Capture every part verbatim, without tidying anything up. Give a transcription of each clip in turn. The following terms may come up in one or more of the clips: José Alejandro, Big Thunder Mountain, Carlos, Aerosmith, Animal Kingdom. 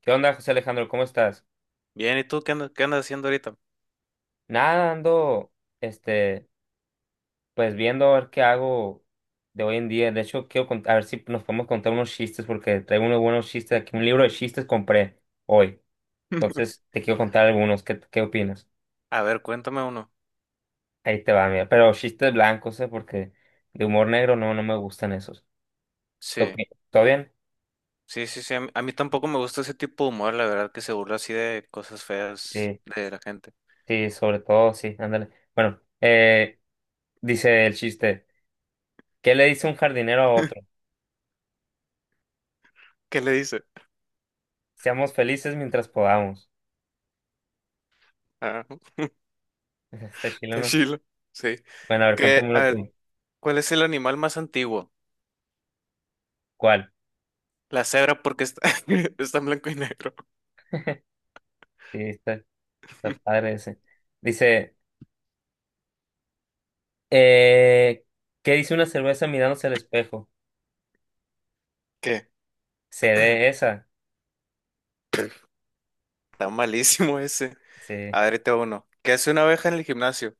¿Qué onda, José Alejandro? ¿Cómo estás? Bien, ¿y tú qué andas, qué andas haciendo ahorita? Nada, ando, este, pues viendo a ver qué hago de hoy en día. De hecho, quiero cont- a ver si nos podemos contar unos chistes, porque traigo unos buenos chistes aquí. Un libro de chistes compré hoy. Entonces, te quiero contar algunos. ¿Qué, qué opinas? A ver, cuéntame uno. Ahí te va, mira. Pero chistes blancos, ¿eh? Porque de humor negro no, no me gustan esos. Ok, Sí, ¿todo bien? sí, sí, sí. A mí, a mí tampoco me gusta ese tipo de humor, la verdad, que se burla así de cosas feas Sí, de la gente. sí, sobre todo, sí, ándale. Bueno, eh, dice el chiste. ¿Qué le dice un jardinero a otro? ¿Qué le dice? Seamos felices mientras podamos. Ah, Está está chileno. chilo. Sí. Bueno, a ver, Que, a cuéntamelo tú. ver, ¿cuál es el animal más antiguo? ¿Cuál? La cebra porque está, está en blanco y negro. Sí, está, está padre ese. Dice, eh, ¿qué dice una cerveza mirándose al espejo? ¿Qué? Se dé esa. Está malísimo ese. Sí. A ver, ahí te va uno. ¿Qué hace una abeja en el gimnasio?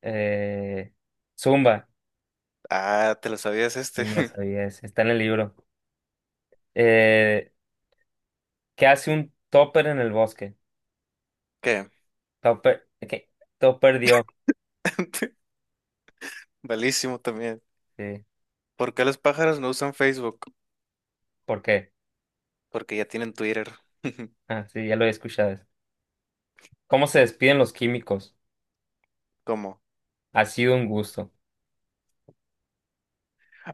Eh, Zumba. Ah, te lo sabías Ni este. me lo sabía ese. Está en el libro. Eh, ¿qué hace un topper en el bosque? ¿Qué? Topper, ¿qué? Topper dio. Malísimo también. Sí. ¿Por qué los pájaros no usan Facebook? ¿Por qué? Porque ya tienen Twitter. Ah, sí, ya lo he escuchado eso. ¿Cómo se despiden los químicos? ¿Cómo? Ha sido un gusto.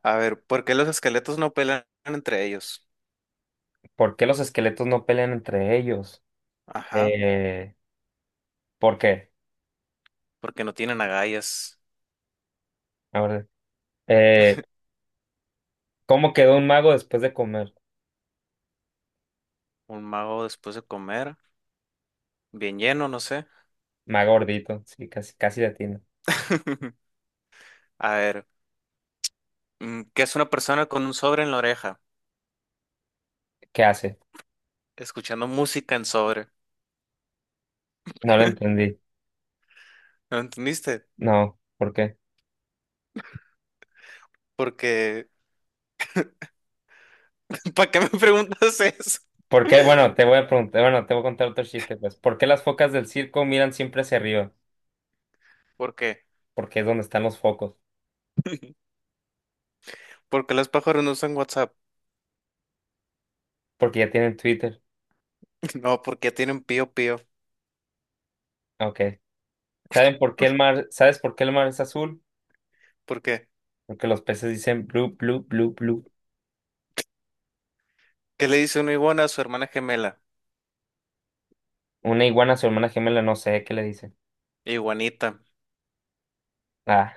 A ver, ¿por qué los esqueletos no pelean entre ellos? ¿Por qué los esqueletos no pelean entre ellos? Ajá, Eh, ¿Por qué? porque no tienen agallas. A ver, eh, ¿cómo quedó un mago después de comer? Un mago después de comer, bien lleno, no sé. Mago gordito, sí, casi, casi latino. A ver, mm, ¿qué es una persona con un sobre en la oreja? ¿Qué hace? Escuchando música en sobre. No lo entendí. ¿No entendiste? No, ¿por qué? Porque, ¿para qué me preguntas eso? ¿Por qué? Bueno, te voy a preguntar, bueno, te voy a contar otro chiste, pues. ¿Por qué las focas del circo miran siempre hacia arriba? ¿Por qué? Porque es donde están los focos. Porque los pájaros no usan WhatsApp. Porque ya tienen Twitter. No, porque ya tienen pío pío. Ok. ¿Saben por qué el mar, sabes por qué el mar es azul? ¿Por qué? Porque los peces dicen blue, blue, blue, blue. ¿Qué le dice una iguana a su hermana gemela? Una iguana, su hermana gemela, no sé qué le dice. Iguanita, Ah.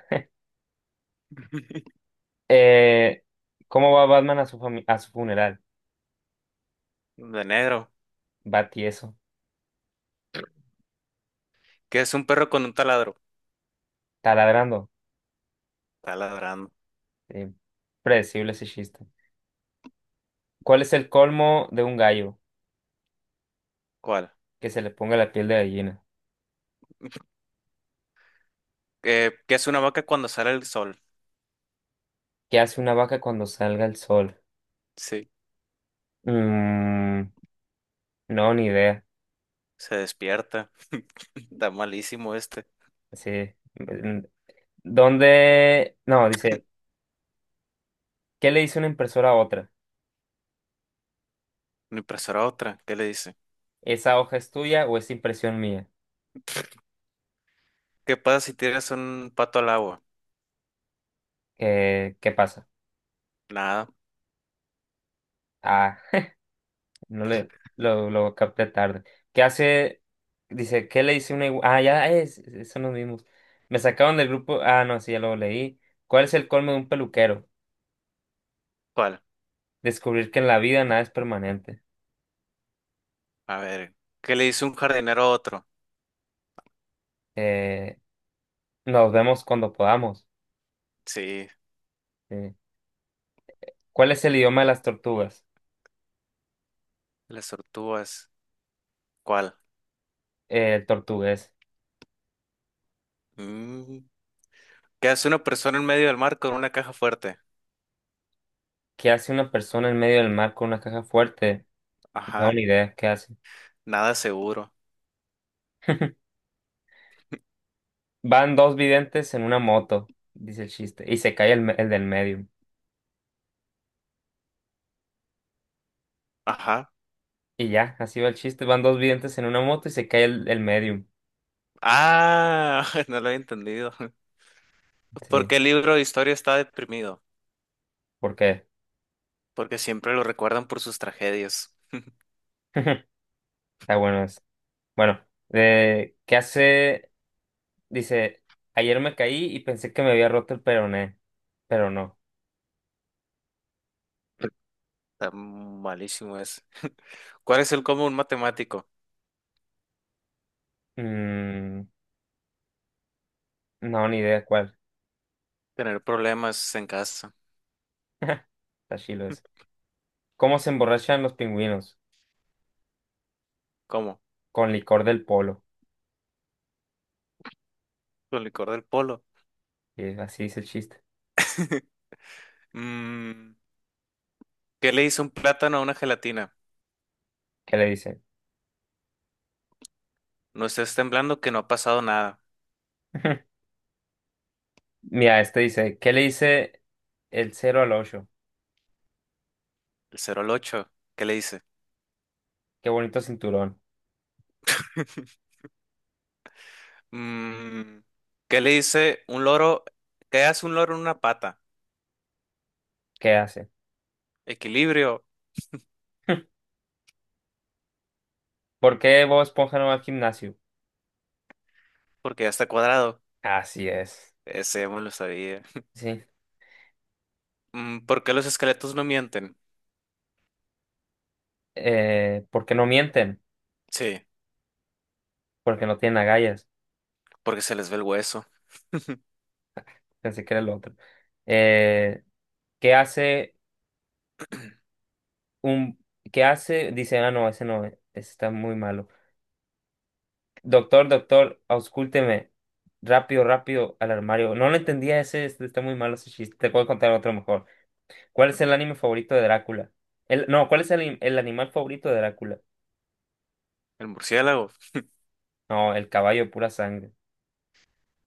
Eh, ¿cómo va Batman a su fami- a su funeral? de negro. Va tieso. ¿Qué es un perro con un taladro? Taladrando. Está ladrando. Eh, predecible ese chiste. ¿Cuál es el colmo de un gallo? ¿Cuál? Que se le ponga la piel de gallina. ¿Qué, qué es una vaca cuando sale el sol? ¿Qué hace una vaca cuando salga el sol? Sí, Mm, no, ni idea. se despierta. Está malísimo este. Sí. Mm, ¿dónde? No, dice, ¿qué le dice una impresora a otra? Una impresora otra. ¿Qué le dice? ¿Esa hoja es tuya o es impresión mía? ¿Qué pasa si tiras un pato al agua? ¿Qué, qué pasa? Nada. Ah. No le, lo, lo capté tarde. ¿Qué hace? Dice, ¿qué le hice una igual? Ah, ya eh, es, es- son los mismos. Me sacaron del grupo. Ah, no, sí, ya lo leí. ¿Cuál es el colmo de un peluquero? ¿Cuál? Descubrir que en la vida nada es permanente. A ver. ¿Qué le dice un jardinero a otro? Eh, nos vemos cuando podamos. Sí, Eh, ¿cuál es el idioma de las tortugas? las tortugas. ¿Cuál? Eh, el tortugués. Mm, ¿Qué hace una persona en medio del mar con una caja fuerte? ¿Qué hace una persona en medio del mar con una caja fuerte? No, Ajá. ni idea, ¿qué hace? Nada seguro. Van dos videntes en una moto, dice el chiste, y se cae el, me- el del medio. Ajá. Y ya, así va el chiste. Van dos videntes en una moto y se cae el, el medium. Ah, no lo he entendido. Sí, Porque el libro de historia está deprimido, ¿por qué? porque siempre lo recuerdan por sus tragedias. Está bueno eso. Bueno, eh, ¿qué hace? Dice, ayer me caí y pensé que me había roto el peroné, pero no. Está malísimo ese. ¿Cuál es el común matemático? Mm, no, ni idea cuál. Tener problemas en casa. Está chilo eso. ¿Cómo se emborrachan los pingüinos? ¿Cómo? Con licor del polo. Con licor del polo. Y así dice el chiste. Mm, ¿qué le hizo un plátano a una gelatina? ¿Qué le dice? No estés temblando que no ha pasado nada. Mira, este dice, ¿qué le dice el cero al ocho? El cero al ocho. ¿Qué le dice? Qué bonito cinturón. Mm, ¿qué le dice un loro? ¿Qué hace un loro en una pata? ¿Qué hace? Equilibrio, ¿Por qué Bob Esponja no va al gimnasio? porque ya está cuadrado. Así es. Ese ya me lo sabía. Sí. Mm, ¿Por qué los esqueletos no mienten? Eh, ¿por qué no mienten? Sí, Porque no tienen agallas. porque se les ve el hueso. Pensé que era el otro. Eh, ¿qué hace un... ¿Qué hace? Dice, ah, no, ese no, ese está muy malo. Doctor, doctor, auscúlteme. Rápido, rápido al armario. No lo entendía ese, este está muy malo ese chiste. Te puedo contar otro mejor. ¿Cuál es el anime favorito de Drácula? El, no, ¿cuál es el, el animal favorito de Drácula? El murciélago. No, el caballo de pura sangre.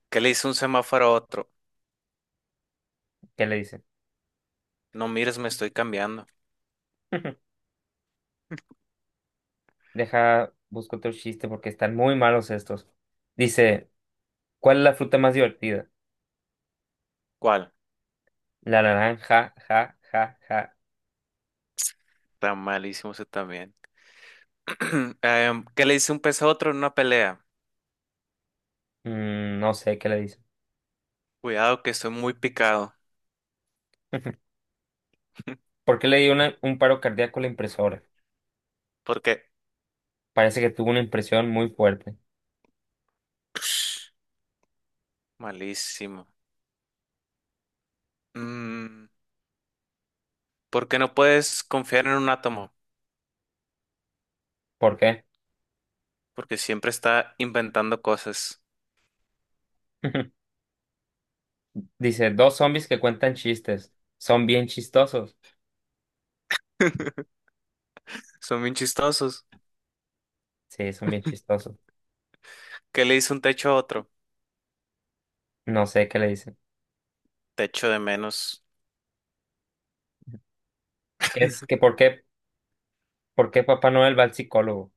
¿Qué le hizo un semáforo a otro? ¿Qué le dicen? No mires, me estoy cambiando. Deja, busco otro chiste porque están muy malos estos. Dice, ¿cuál es la fruta más divertida? ¿Cuál? La naranja, ja, ja, ja. Está malísimo ese también. Em, ¿qué le dice un pez a otro en una pelea? Mm, no sé qué le dice. Cuidado que estoy muy picado. ¿Por qué le dio una- un paro cardíaco a la impresora? ¿Por qué? Parece que tuvo una impresión muy fuerte. Malísimo. Mm, ¿por qué no puedes confiar en un átomo? ¿Por qué? Porque siempre está inventando cosas. Dice, dos zombies que cuentan chistes. Son bien chistosos. Son bien chistosos. Sí, son bien chistosos. ¿Qué le hizo un techo a otro? No sé qué le dicen. Techo de menos. ¿Qué es que por qué, por qué Papá Noel va al psicólogo?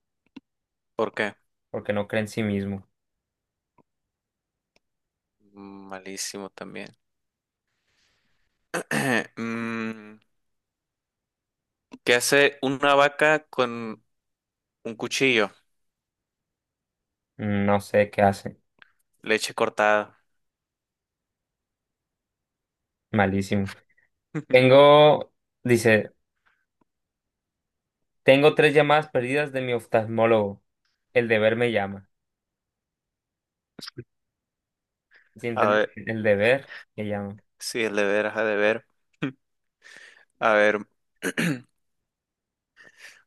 ¿Por qué? Porque no cree en sí mismo. Mm, Malísimo también. Mm, ¿Qué hace una vaca con un cuchillo? Mm, No sé qué hace. Leche cortada. Malísimo. Tengo, dice, tengo tres llamadas perdidas de mi oftalmólogo. El deber me llama. ¿Sí A entendiste? ver, El deber me llama. sí, el de veras, ha de ver. A ver,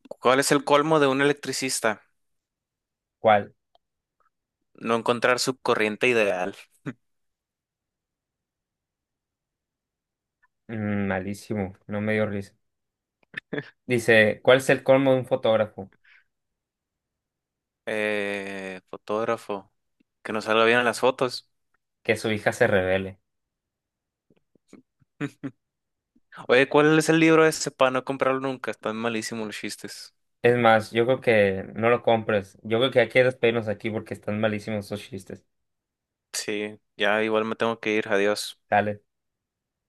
¿cuál es el colmo de un electricista? ¿Cuál? No encontrar su corriente ideal. Mm, malísimo, no me dio risa. Dice, ¿cuál es el colmo de un fotógrafo? Eh, fotógrafo, que no salga bien en las fotos. Que su hija se revele. Oye, ¿cuál es el libro ese para no comprarlo nunca? Están malísimos los chistes. Es más, yo creo que no lo compres. Yo creo que hay que despedirnos aquí porque están malísimos esos chistes. Sí, ya igual me tengo que ir, adiós. Dale.